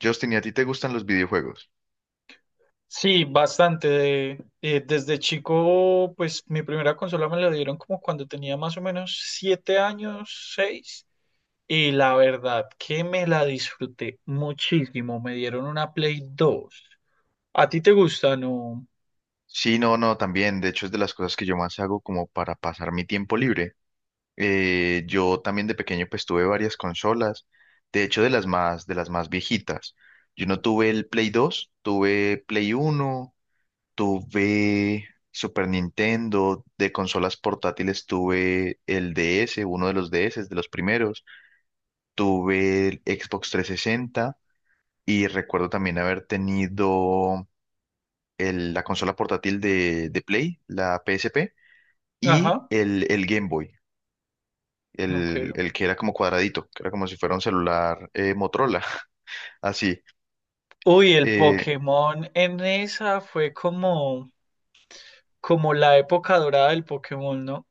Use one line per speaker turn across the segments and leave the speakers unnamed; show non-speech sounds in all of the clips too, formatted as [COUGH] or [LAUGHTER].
Justin, ¿y a ti te gustan los videojuegos?
Sí, bastante. Desde chico, pues mi primera consola me la dieron como cuando tenía más o menos siete años, seis. Y la verdad que me la disfruté muchísimo. Me dieron una Play dos. ¿A ti te gusta, no?
Sí, no, no, también. De hecho, es de las cosas que yo más hago como para pasar mi tiempo libre. Yo también de pequeño pues tuve varias consolas. De hecho, de las más viejitas. Yo no tuve el Play 2, tuve Play uno, tuve Super Nintendo. De consolas portátiles tuve el DS, uno de los DS, de los primeros. Tuve el Xbox 360 y recuerdo también haber tenido la consola portátil de Play, la PSP, y
Ajá,
el Game Boy,
ok. Ok.
el que era como cuadradito, que era como si fuera un celular Motorola, [LAUGHS] así.
Uy, el
Eh,
Pokémon en esa fue como, como la época dorada del Pokémon, ¿no?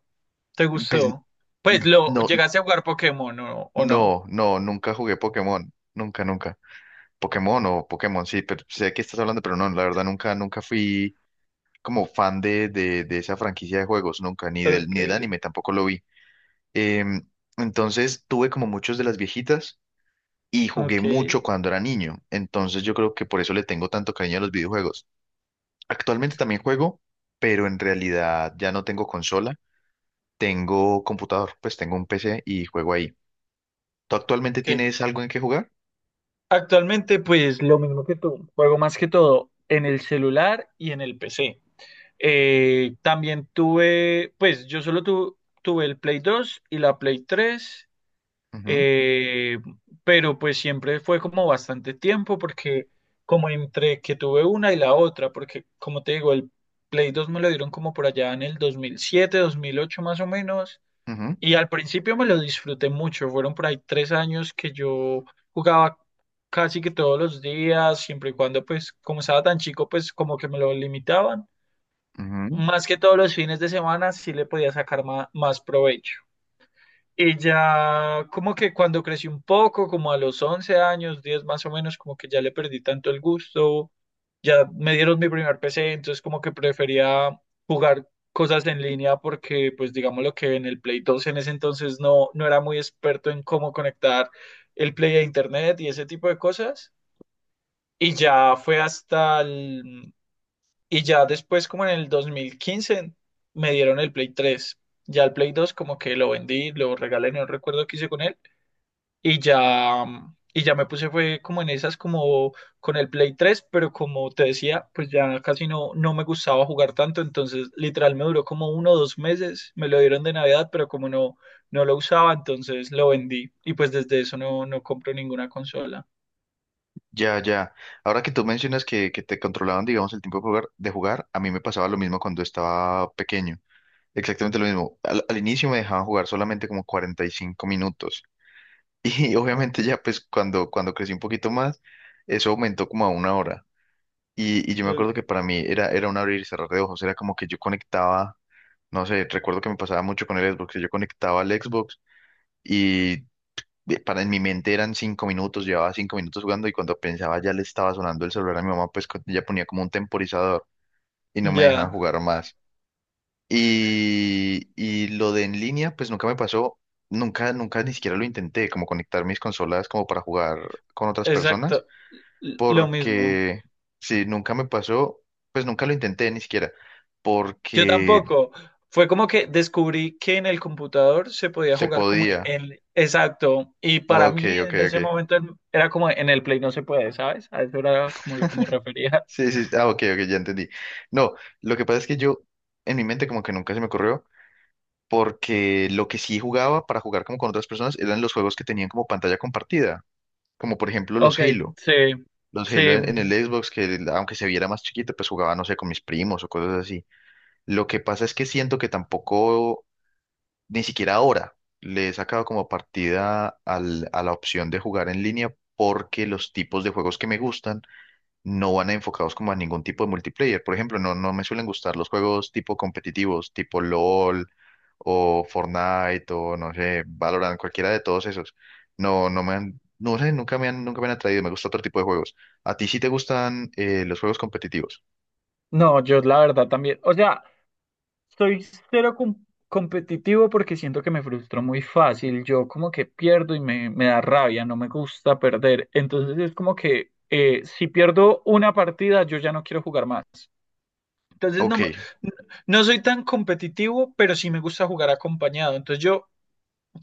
¿Te
pues
gustó? Pues lo,
no,
¿llegaste a jugar Pokémon, ¿no? o no?
no, no, nunca jugué Pokémon, nunca, nunca. Pokémon o Pokémon, sí, pero sé que estás hablando, pero no, la verdad nunca, nunca fui como fan de esa franquicia de juegos, nunca, ni del,
Ok,
ni del anime tampoco lo vi. Em, entonces tuve como muchos de las viejitas y jugué
ok.
mucho cuando era niño. Entonces yo creo que por eso le tengo tanto cariño a los videojuegos. Actualmente también juego, pero en realidad ya no tengo consola, tengo computador, pues tengo un PC y juego ahí. ¿Tú actualmente
Ok.
tienes algo en qué jugar?
Actualmente, pues lo mismo que tú, juego más que todo en el celular y en el PC. También tuve, pues yo solo tuve el Play 2 y la Play 3,
Ujú,
eh, pero pues siempre fue como bastante tiempo porque como entre que tuve una y la otra, porque como te digo, el Play 2 me lo dieron como por allá en el 2007, 2008 más o menos,
ujú,
y al principio me lo disfruté mucho. Fueron por ahí tres años que yo jugaba casi que todos los días, siempre y cuando, pues, como estaba tan chico, pues como que me lo limitaban.
ujú.
Más que todos los fines de semana, sí le podía sacar más provecho. Y ya como que cuando crecí un poco, como a los 11 años, 10 más o menos, como que ya le perdí tanto el gusto, ya me dieron mi primer PC, entonces como que prefería jugar cosas en línea porque pues digamos lo que en el Play dos en ese entonces no, no era muy experto en cómo conectar el Play a Internet y ese tipo de cosas. Y ya fue hasta el... Y ya después como en el 2015 me dieron el Play tres. Ya el Play dos como que lo vendí, lo regalé, no recuerdo qué hice con él y ya, y ya me puse fue como en esas como con el Play tres, pero como te decía, pues ya casi no, no me gustaba jugar tanto, entonces literal me duró como uno o dos meses, me lo dieron de Navidad, pero como no, no lo usaba, entonces lo vendí y pues desde eso no, no compro ninguna consola.
Ya, ya. Ahora que tú mencionas que te controlaban, digamos, el tiempo de de jugar, a mí me pasaba lo mismo cuando estaba pequeño. Exactamente lo mismo. Al inicio me dejaban jugar solamente como 45 minutos. Y [LAUGHS]
Ok,
obviamente ya pues cuando crecí un poquito más, eso aumentó como a 1 hora. Y yo me
ok.
acuerdo que para mí era un abrir y cerrar de ojos, era como que yo conectaba, no sé, recuerdo que me pasaba mucho con el Xbox, que yo conectaba al Xbox y para en mi mente eran 5 minutos, llevaba 5 minutos jugando y cuando pensaba ya le estaba sonando el celular a mi mamá, pues ella ponía como un temporizador y no me dejaba
Ya,
jugar más. Y lo de en línea, pues nunca me pasó, nunca, nunca ni siquiera lo intenté, como conectar mis consolas como para jugar con otras personas,
exacto, lo mismo.
porque si nunca me pasó, pues nunca lo intenté ni siquiera,
Yo
porque
tampoco. Fue como que descubrí que en el computador se podía
se
jugar como
podía.
el Exacto. Y para
Ok,
mí
ok,
en ese
ok.
momento era como en el Play no se puede, ¿sabes? A eso era como lo que me refería. [LAUGHS]
Sí, sí, ah, ok, ok, ya entendí. No, lo que pasa es que yo, en mi mente como que nunca se me ocurrió, porque lo que sí jugaba para jugar como con otras personas eran los juegos que tenían como pantalla compartida, como por ejemplo
Ok,
los Halo.
sí.
Los
Sí.
Halo en el Xbox, que aunque se viera más chiquito, pues jugaba, no sé, con mis primos o cosas así. Lo que pasa es que siento que tampoco, ni siquiera ahora, le he sacado como partida a la opción de jugar en línea porque los tipos de juegos que me gustan no van enfocados como a ningún tipo de multiplayer. Por ejemplo, no me suelen gustar los juegos tipo competitivos, tipo LOL o Fortnite o no sé, Valorant, cualquiera de todos esos. No sé, nunca me han atraído. Me gusta otro tipo de juegos. ¿A ti sí te gustan los juegos competitivos?
No, yo la verdad también. O sea, soy cero competitivo porque siento que me frustro muy fácil. Yo como que pierdo y me da rabia, no me gusta perder. Entonces es como que si pierdo una partida, yo ya no quiero jugar más. Entonces no,
Ok,
no soy tan competitivo, pero sí me gusta jugar acompañado. Entonces yo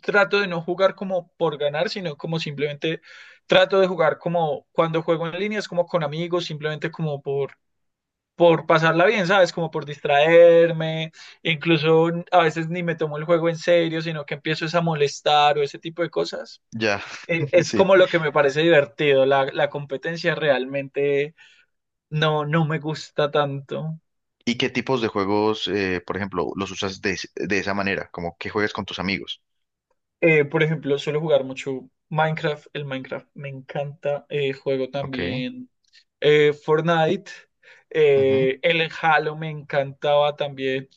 trato de no jugar como por ganar, sino como simplemente trato de jugar como cuando juego en línea, es como con amigos, simplemente como por pasarla bien, ¿sabes? Como por distraerme. Incluso a veces ni me tomo el juego en serio, sino que empiezo es a molestar o ese tipo de cosas.
ya,
Eh,
[LAUGHS]
Es
sí.
como lo que me parece divertido. La competencia realmente no, no me gusta tanto.
¿Y qué tipos de juegos, por ejemplo, los usas de esa manera? Como que juegas con tus amigos.
Por ejemplo, suelo jugar mucho Minecraft. El Minecraft me encanta. Juego
Ok,
también Fortnite.
ujú,
El Halo me encantaba también.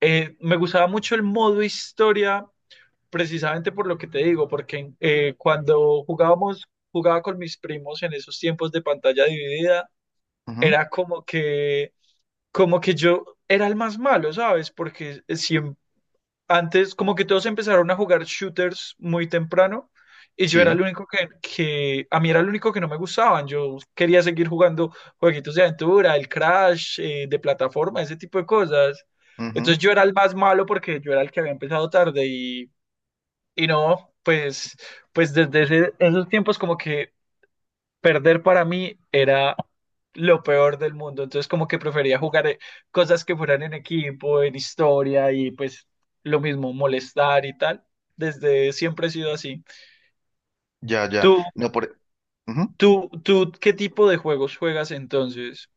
Me gustaba mucho el modo historia, precisamente por lo que te digo, porque cuando jugábamos, jugaba con mis primos en esos tiempos de pantalla dividida,
ujú,
era como que yo era el más malo, ¿sabes? Porque siempre antes, como que todos empezaron a jugar shooters muy temprano y yo era el
sí.
único que a mí era el único que no me gustaban. Yo quería seguir jugando jueguitos de aventura, el Crash, de plataforma, ese tipo de cosas.
Ujú,
Entonces yo era el más malo porque yo era el que había empezado tarde y no, pues, pues desde esos tiempos como que perder para mí era lo peor del mundo. Entonces, como que prefería jugar cosas que fueran en equipo, en historia y pues lo mismo, molestar y tal. Desde siempre he sido así.
ya, ya.
¿Tú,
No, por... Ujú.
tú, qué tipo de juegos juegas entonces?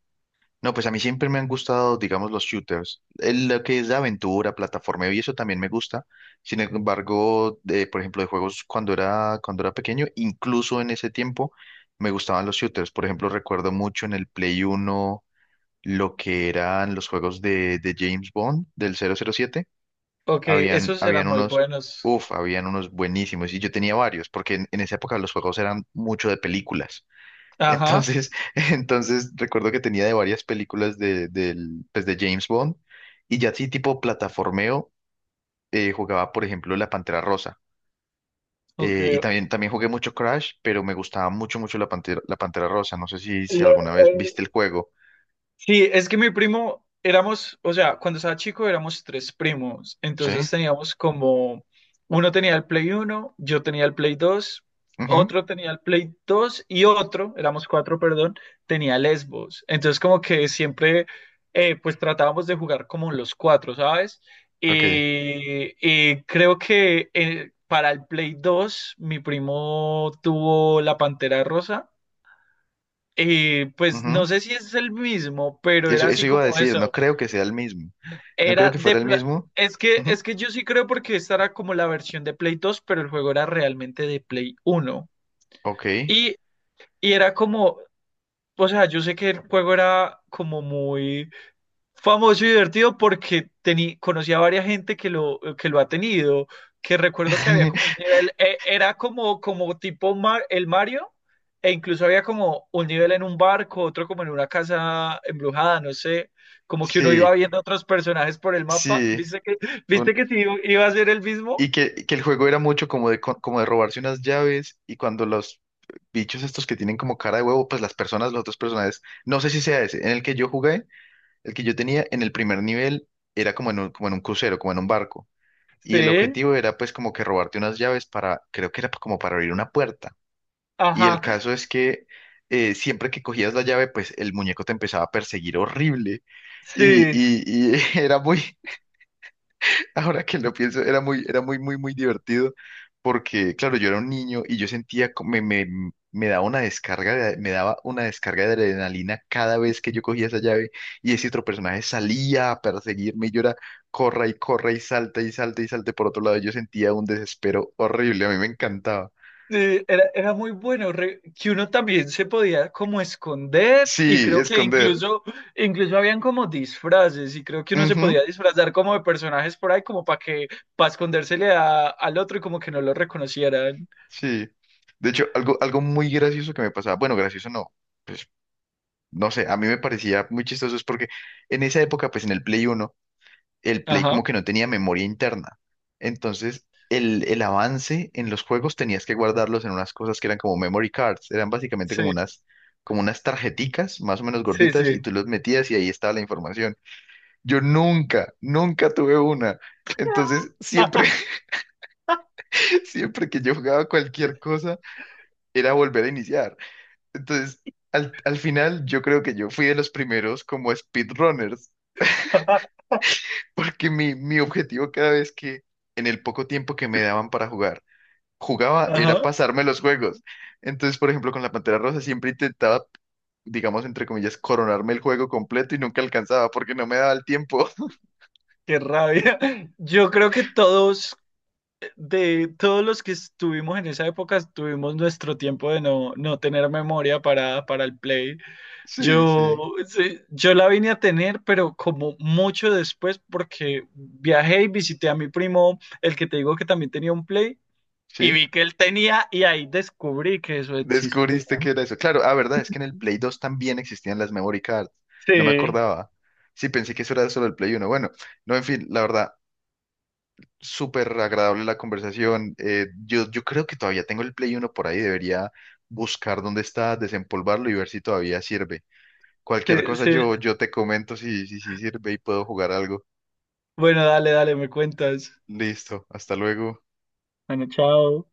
No, pues a mí siempre me han gustado, digamos, los shooters. Lo que es de aventura, plataforma y eso también me gusta. Sin embargo, por ejemplo, de juegos cuando era pequeño, incluso en ese tiempo, me gustaban los shooters. Por ejemplo, recuerdo mucho en el Play Uno lo que eran los juegos de James Bond, del 007.
Ok, esos eran
Habían
muy
unos,
buenos.
uff, habían unos buenísimos. Y yo tenía varios, porque en esa época los juegos eran mucho de películas.
Ajá,
Entonces, [LAUGHS] entonces recuerdo que tenía de varias películas pues de James Bond y ya así tipo plataformeo jugaba, por ejemplo, La Pantera Rosa.
ok.
También jugué mucho Crash, pero me gustaba mucho, mucho La Pantera, La Pantera Rosa. No sé si alguna vez
Le-
viste el juego.
Sí, es que mi primo éramos, o sea, cuando estaba chico éramos tres primos,
¿Sí?
entonces teníamos como, uno tenía el Play uno, yo tenía el Play dos,
Ujú,
otro tenía el Play dos y otro, éramos cuatro, perdón, tenía el Xbox. Entonces como que siempre pues tratábamos de jugar como los cuatro, ¿sabes?
ok,
Y creo que para el Play dos mi primo tuvo la Pantera Rosa. Y pues
ujú.
no sé si es el mismo, pero
Eso,
era así
eso iba a
como
decir, no
eso.
creo que sea el mismo. No creo
Era
que
de
fuera el
pla-
mismo.
es que es
Ujú,
que yo sí creo porque esta era como la versión de Play dos, pero el juego era realmente de Play uno.
ok.
Y era como, o sea, yo sé que el juego era como muy famoso y divertido porque tení, conocí a varias gente que lo ha tenido, que recuerdo que había como un
[LAUGHS]
nivel, era como, como tipo el Mario, e incluso había como un nivel en un barco, otro como en una casa embrujada, no sé, como que uno iba
Sí,
viendo otros personajes por el mapa,
sí. Un-
viste que sí iba a ser el mismo?
Y que el juego era mucho como como de robarse unas llaves y cuando los bichos estos que tienen como cara de huevo, pues las personas, los otros personajes, no sé si sea ese, en el que yo jugué, el que yo tenía en el primer nivel era como en un crucero, como en un barco. Y el
Sí,
objetivo era pues como que robarte unas llaves para, creo que era como para abrir una puerta. Y el
ajá,
caso es que siempre que cogías la llave, pues el muñeco te empezaba a perseguir horrible
sí.
y [LAUGHS] ahora que lo pienso, muy divertido porque, claro, yo era un niño y yo sentía, me daba una descarga, me daba una descarga de adrenalina cada vez que yo cogía esa llave y ese otro personaje salía a perseguirme y yo era, corra y corra y salta y salta y salte por otro lado. Yo sentía un desespero horrible, a mí me encantaba.
Sí, era, era muy bueno, que uno también se podía como esconder y
Sí,
creo que
esconder.
incluso, incluso habían como disfraces y creo que uno se
Ujú,
podía disfrazar como de personajes por ahí como para que, para escondérsele al otro y como que no lo reconocieran.
sí. De hecho, algo muy gracioso que me pasaba, bueno, gracioso no, pues no sé, a mí me parecía muy chistoso es porque en esa época, pues en el Play Uno el Play
Ajá,
como que no tenía memoria interna. Entonces, el avance en los juegos tenías que guardarlos en unas cosas que eran como memory cards, eran básicamente
sí,
como unas tarjeticas más o menos
sí,
gorditas y
sí.
tú los metías y ahí estaba la información. Yo nunca, nunca tuve una. Entonces, siempre,
[LAUGHS]
[LAUGHS] siempre que yo jugaba cualquier cosa, era volver a iniciar. Entonces, al final, yo creo que yo fui de los primeros como speedrunners. Porque mi objetivo cada vez que en el poco tiempo que me daban para jugar, jugaba era
Ajá,
pasarme los juegos. Entonces, por ejemplo, con la Pantera Rosa siempre intentaba, digamos, entre comillas, coronarme el juego completo y nunca alcanzaba porque no me daba el tiempo. [LAUGHS]
qué rabia. Yo creo que todos, de todos los que estuvimos en esa época, tuvimos nuestro tiempo de no, no tener memoria para el play.
Sí, sí,
Yo, sí, yo la vine a tener, pero como mucho después, porque viajé y visité a mi primo, el que te digo que también tenía un Play, y
sí.
vi que él tenía, y ahí descubrí que eso existía.
Descubriste que era eso. Claro, ah, verdad, es que en el Play 2 también existían las memory cards. No me
Sí,
acordaba. Sí, pensé que eso era solo el Play uno. Bueno, no, en fin, la verdad, súper agradable la conversación. Yo creo que todavía tengo el Play uno por ahí. Debería buscar dónde está, desempolvarlo y ver si todavía sirve. Cualquier
sí,
cosa
sí.
yo te comento si sirve y puedo jugar algo.
Bueno, dale, dale, me cuentas.
Listo, hasta luego.
Bueno, chao.